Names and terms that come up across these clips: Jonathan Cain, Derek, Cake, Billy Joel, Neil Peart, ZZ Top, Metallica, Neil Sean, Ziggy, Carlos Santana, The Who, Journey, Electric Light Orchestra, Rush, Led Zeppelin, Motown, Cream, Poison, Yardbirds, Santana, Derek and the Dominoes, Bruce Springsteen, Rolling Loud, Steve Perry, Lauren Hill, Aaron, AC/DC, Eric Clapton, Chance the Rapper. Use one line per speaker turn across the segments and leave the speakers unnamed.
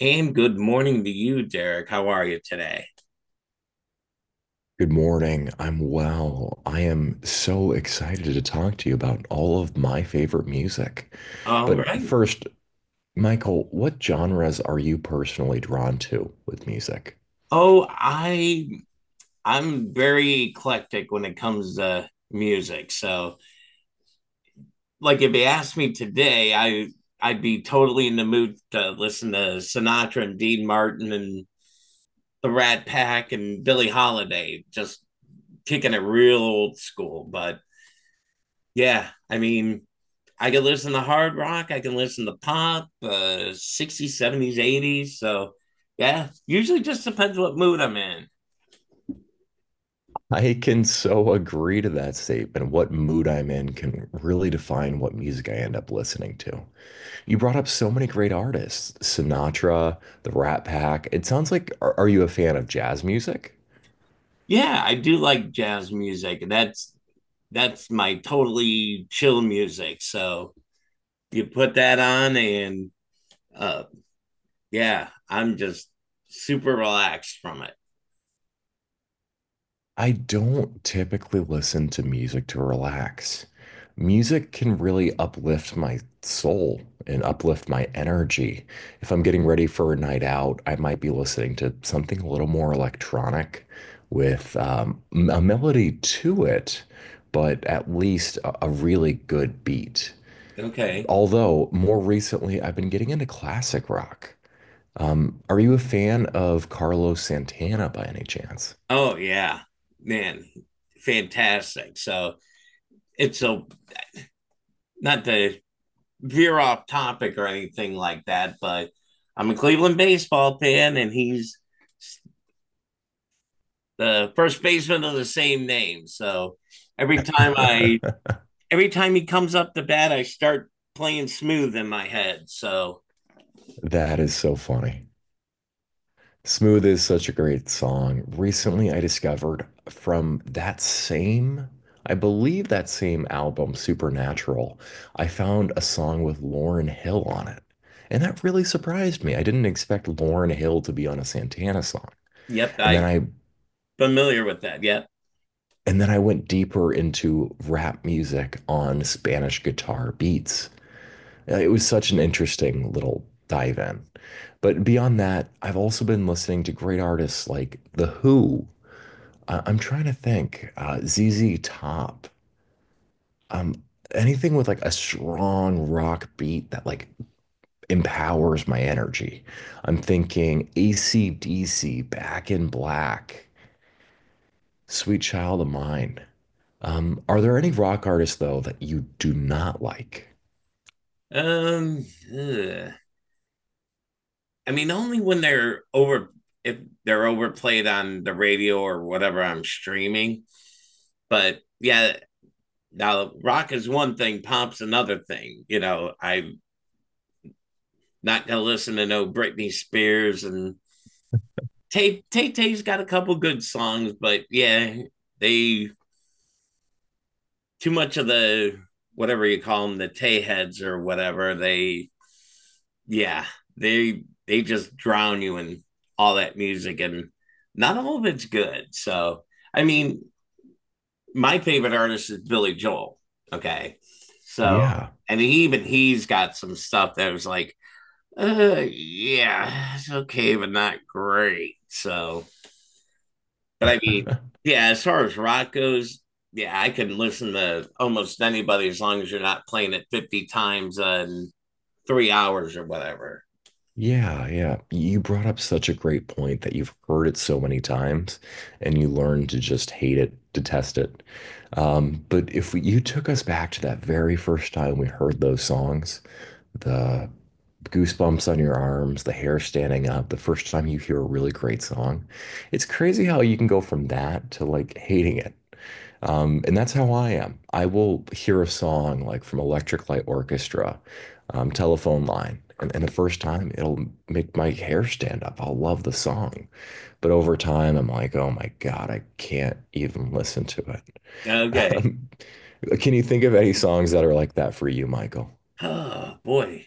And good morning to you, Derek. How are you today?
Good morning. I'm well. I am so excited to talk to you about all of my favorite music.
All
But
right.
first, Michael, what genres are you personally drawn to with music?
Oh, I I'm very eclectic when it comes to music. So, like if you asked me today, I'd be totally in the mood to listen to Sinatra and Dean Martin and the Rat Pack and Billie Holiday, just kicking it real old school. But yeah, I mean, I can listen to hard rock, I can listen to pop, 60s, 70s, 80s. So, yeah, usually just depends what mood I'm in.
I can so agree to that statement. What mood I'm in can really define what music I end up listening to. You brought up so many great artists, Sinatra, the Rat Pack. It sounds like, are you a fan of jazz music?
Yeah, I do like jazz music. That's my totally chill music. So, you put that on and uh yeah, I'm just super relaxed from it.
I don't typically listen to music to relax. Music can really uplift my soul and uplift my energy. If I'm getting ready for a night out, I might be listening to something a little more electronic with a melody to it, but at least a really good beat.
Okay.
Although more recently, I've been getting into classic rock. Are you a fan of Carlos Santana by any chance?
Oh, yeah. Man, fantastic. So, it's a not to veer off topic or anything like that, but I'm a Cleveland baseball fan, and he's the first baseman of the same name. So every time I every time he comes up to bat, I start playing smooth in my head. So
That is so funny. Smooth is such a great song. Recently, I discovered from I believe that same album, Supernatural, I found a song with Lauren Hill on it. And that really surprised me. I didn't expect Lauren Hill to be on a Santana song.
yep,
And then
I
I
familiar with that. Yep.
and then I went deeper into rap music on Spanish guitar beats. It was such an interesting little dive in. But beyond that, I've also been listening to great artists like The Who. I'm trying to think, ZZ Top. Um, anything with like a strong rock beat that like empowers my energy. I'm thinking AC/DC, Back in Black, Sweet Child of Mine. Are there any rock artists though that you do not like?
Um, ugh. I mean, only when they're over if they're overplayed on the radio or whatever I'm streaming. But yeah, now, rock is one thing, pop's another thing. You know, I'm not gonna listen to no Britney Spears and Tay Tay. Tay's got a couple good songs, but yeah, they too much of the whatever you call them, the Tay heads or whatever. They yeah, they just drown you in all that music, and not all of it's good. So, I mean, my favorite artist is Billy Joel. Okay, so
Yeah.
and even he's got some stuff that was like yeah, it's okay, but not great. So, but I mean, yeah, as far as rock goes, yeah, I can listen to almost anybody as long as you're not playing it 50 times in 3 hours or whatever.
Yeah, yeah. You brought up such a great point that you've heard it so many times and you learn to just hate it, detest it. But if we, you took us back to that very first time we heard those songs, the goosebumps on your arms, the hair standing up, the first time you hear a really great song, it's crazy how you can go from that to like hating it. And that's how I am. I will hear a song like from Electric Light Orchestra, Telephone Line, and the first time it'll make my hair stand up. I'll love the song. But over time, I'm like, oh my God, I can't even listen to it.
Okay.
Um, can you think of any songs that are like that for you, Michael?
Oh, boy.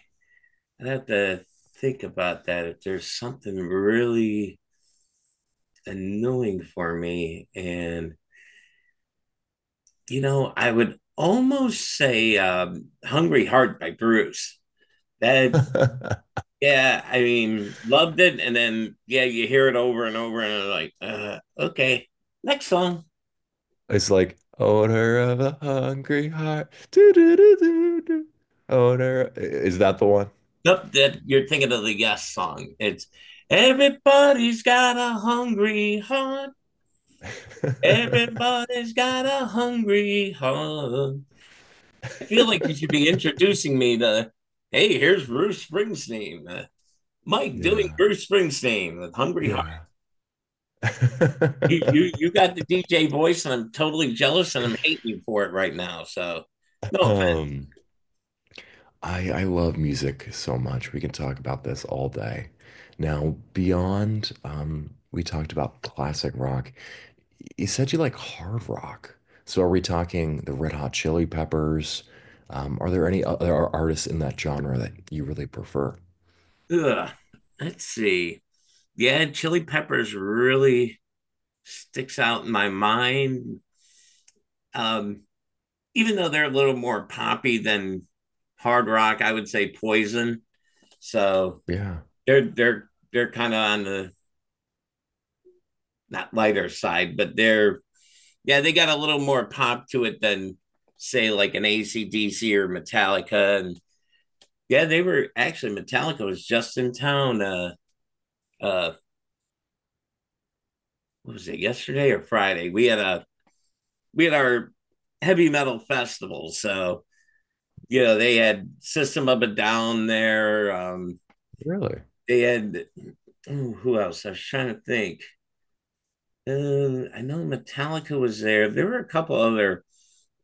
I have to think about that. If there's something really annoying for me, and, you know, I would almost say Hungry Heart by Bruce. That yeah, I mean, loved it, and then yeah, you hear it over and over, and you're like, okay, next song.
It's like, odor of a hungry heart. Do, do, do, do, do. Odor. Is that the one?
Nope, that you're thinking of the Yes song. It's everybody's got a hungry heart. Everybody's got a hungry heart. I feel like you should be introducing me to, hey, here's Bruce Springsteen. Mike doing
Yeah.
Bruce Springsteen with Hungry Heart.
Yeah.
You, you you got the DJ voice, and I'm totally jealous, and I'm hating you for it right now. So no.
Um, I love music so much. We can talk about this all day. Now, beyond we talked about classic rock. You said you like hard rock. So are we talking the Red Hot Chili Peppers? Are there any other artists in that genre that you really prefer?
Ugh. Let's see. Yeah, chili peppers really sticks out in my mind. Um, even though they're a little more poppy than hard rock, I would say poison. So
Yeah,
they're kind of on the not lighter side, but they're yeah, they got a little more pop to it than say like an AC/DC or Metallica. And yeah, they were actually Metallica was just in town uh what was it, yesterday or Friday? We had our heavy metal festival. So, you know, they had System of a Down there.
really?
They had, ooh, who else? I was trying to think. I know Metallica was there. There were a couple other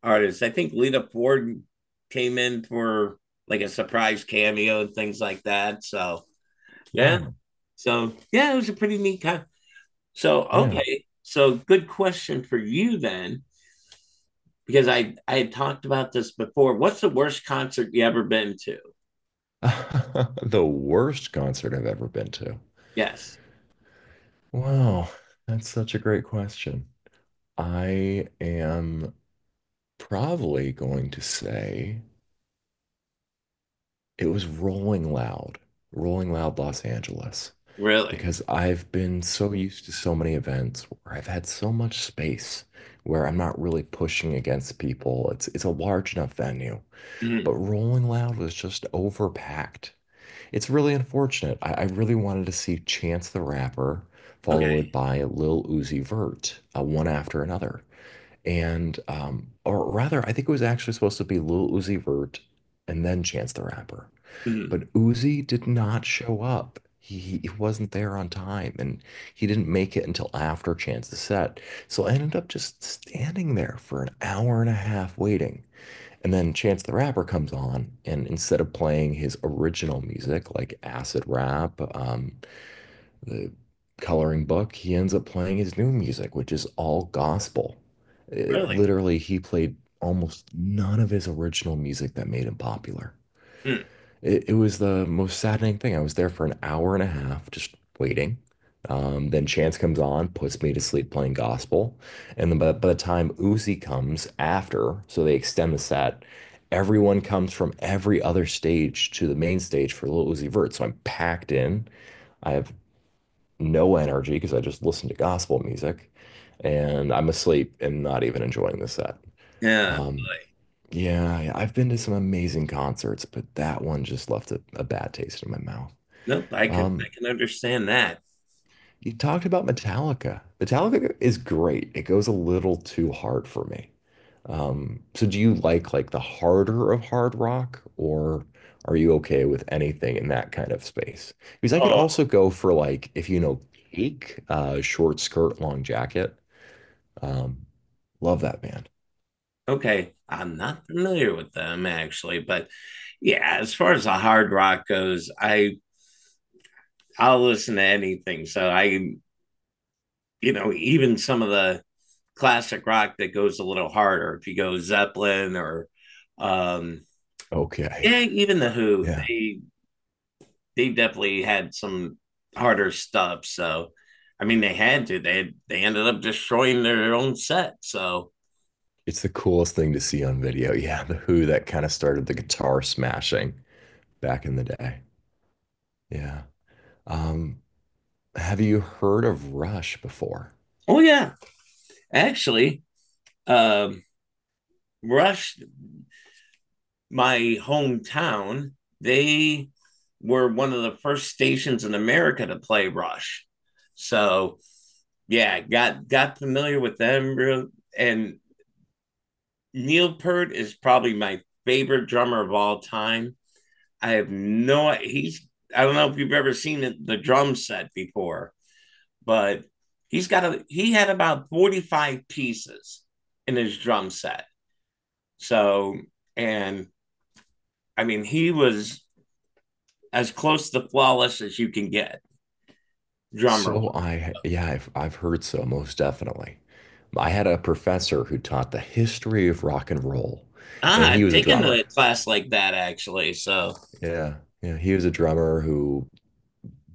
artists. I think Lita Ford came in for like a surprise cameo and things like that. So, yeah.
Wow.
So, yeah, it was a pretty neat so,
Yeah.
okay. So, good question for you then, because I had talked about this before. What's the worst concert you ever been to?
The worst concert I've ever been to.
Yes,
Wow, that's such a great question. I am probably going to say it was Rolling Loud, Rolling Loud Los Angeles,
really.
because I've been so used to so many events where I've had so much space where I'm not really pushing against people. It's a large enough venue,
Mhm.
but Rolling Loud was just overpacked. It's really unfortunate. I really wanted to see Chance the Rapper
Okay.
followed by Lil Uzi Vert, one after another. And I think it was actually supposed to be Lil Uzi Vert and then Chance the Rapper,
Mhm.
but Uzi did not show up. He wasn't there on time, and he didn't make it until after Chance's set. So I ended up just standing there for an hour and a half waiting. And then Chance the Rapper comes on, and instead of playing his original music like acid rap, the coloring book, he ends up playing his new music, which is all gospel.
Really.
Literally, he played almost none of his original music that made him popular.
Mm.
It was the most saddening thing. I was there for an hour and a half just waiting. Then Chance comes on, puts me to sleep playing gospel. And then by the time Uzi comes after, so they extend the set, everyone comes from every other stage to the main stage for Lil Uzi Vert. So I'm packed in. I have no energy because I just listen to gospel music and I'm asleep and not even enjoying the set.
Yeah,
Um, yeah, yeah, I've been to some amazing concerts, but that one just left a bad taste in my mouth.
nope. I can
Um,
I can understand that.
you talked about Metallica. Metallica is great. It goes a little too hard for me. So do you like the harder of hard rock or are you okay with anything in that kind of space? Because I could
Oh,
also go for like if you know Cake, short skirt, long jacket. Um, love that band.
okay. I'm not familiar with them actually, but yeah, as far as the hard rock goes, I I'll listen to anything. So I you know even some of the classic rock that goes a little harder. If you go Zeppelin or um
Okay.
yeah, even the Who,
Yeah.
they definitely had some harder stuff. So, I mean, they had to. They ended up destroying their own set. So,
It's the coolest thing to see on video. Yeah, the Who that kind of started the guitar smashing back in the day. Yeah. Um, have you heard of Rush before?
oh yeah, actually, um, Rush, my hometown, they were one of the first stations in America to play Rush. So yeah, got familiar with them, and Neil Peart is probably my favorite drummer of all time. I have no. He's. I don't know if you've ever seen it, the drum set before, but he's got a. He had about 45 pieces in his drum set. So and I mean he was as close to flawless as you can get drummer.
So I've heard so, most definitely. I had a professor who taught the history of rock and roll, and
Ah,
he
I've
was a
taken
drummer.
a class like that actually. So
Yeah, yeah, he was a drummer who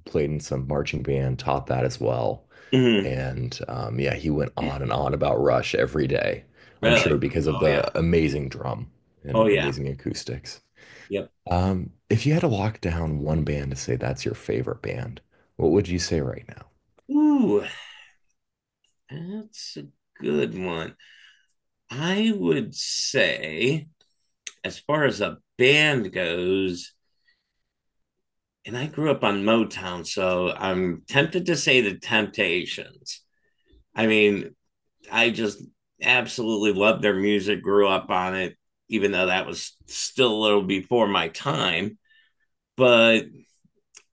played in some marching band, taught that as well.
mhm,
And yeah, he went on and on about Rush every day, I'm
really,
sure because of
oh yeah,
the amazing drum and
oh yeah,
amazing acoustics.
yep.
If you had to lock down one band to say that's your favorite band, what would you say right now?
Ooh, that's a good one. I would say as far as a band goes, and I grew up on Motown, so I'm tempted to say the Temptations. I mean, I just absolutely loved their music, grew up on it, even though that was still a little before my time. But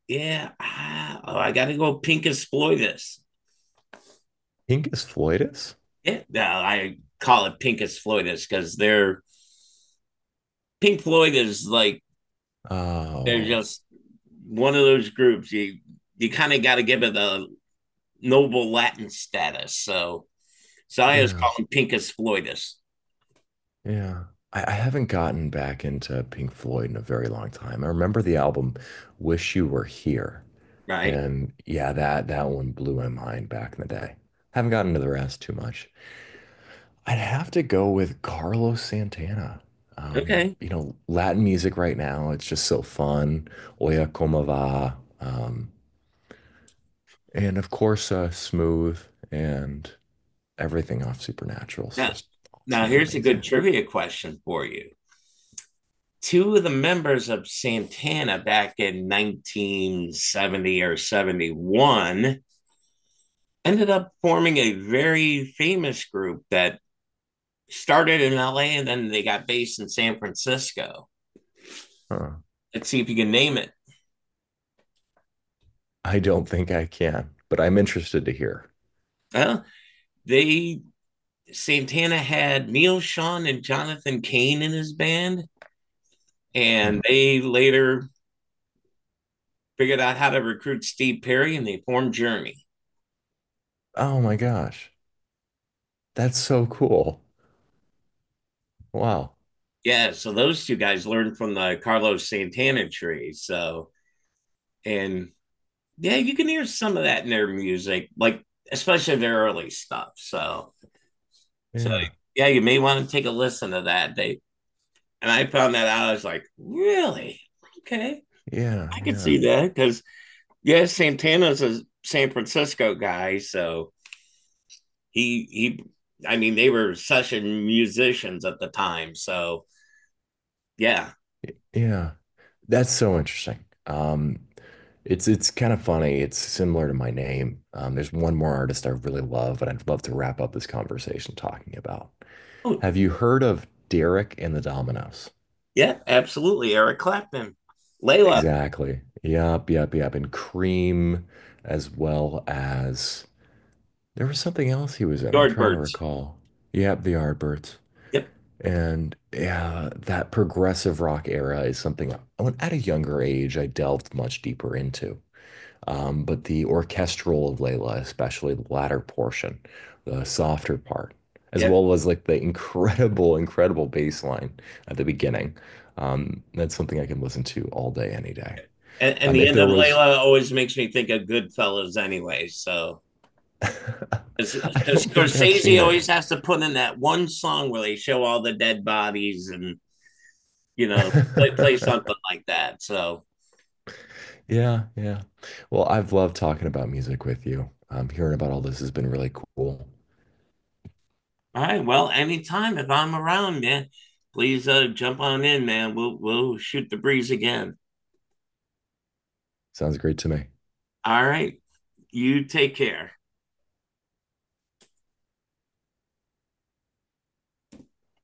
yeah, ah, oh, I got to go Pincus Floydus.
Pincus floidus?
Yeah, no, I call it Pincus Floydus because they're Pink Floyd is like they're
Oh,
just one of those groups you you kind of got to give it a noble Latin status. So Zaya's
yeah,
calling Pincus Floydus,
yeah. I haven't gotten back into Pink Floyd in a very long time. I remember the album Wish You Were Here.
right?
And yeah, that that one blew my mind back in the day. Haven't gotten to the rest too much. I'd have to go with Carlos Santana.
Okay.
You know, Latin music right now, it's just so fun. Oya como va. And of course, Smooth and everything off Supernatural is
Now,
just
now
awesome and
here's a good
amazing.
trivia question for you. Two of the members of Santana back in 1970 or 71 ended up forming a very famous group that started in LA and then they got based in San Francisco.
Huh.
Let's see if you can name it.
I don't think I can, but I'm interested to hear.
Well, they Santana had Neil Sean and Jonathan Cain in his band,
Hmm.
and they later figured out how to recruit Steve Perry and they formed Journey.
Oh my gosh. That's so cool. Wow.
Yeah, so those two guys learned from the Carlos Santana tree. So, and yeah, you can hear some of that in their music, like especially their early stuff. So, so
Yeah.
yeah, you may want to take a listen to that. They and I found that out. I was like, really? Okay,
Yeah.
I could
Yeah.
see that because yeah, Santana's a San Francisco guy, so he I mean they were session musicians at the time. So yeah.
Yeah. That's so interesting. It's kind of funny. It's similar to my name. There's one more artist I really love, and I'd love to wrap up this conversation talking about.
Oh,
Have you heard of Derek and the Dominoes?
yeah, absolutely. Eric Clapton, Layla,
Exactly. Yep, yep, yep. And Cream, as well as there was something else he was in. I'm trying to
Yardbirds.
recall. Yep, the Yardbirds.
Yep.
And yeah, that progressive rock era is something I went at a younger age, I delved much deeper into. But the orchestral of Layla, especially the latter portion, the softer part, as
Yep.
well as like the incredible, incredible bass line at the beginning. That's something I can listen to all day, any day.
And the
If
end
there
of
was,
Layla always makes me think of Goodfellas anyway. So
I
'cause- 'cause
don't think I've
Scorsese
seen it.
always has to put in that one song where they show all the dead bodies and you know play, play something like that. So
Yeah, yeah. Well, I've loved talking about music with you. Hearing about all this has been really cool.
all right, well, anytime if I'm around, man, please jump on in, man. We'll shoot the breeze again.
Sounds great to me.
All right. You take care.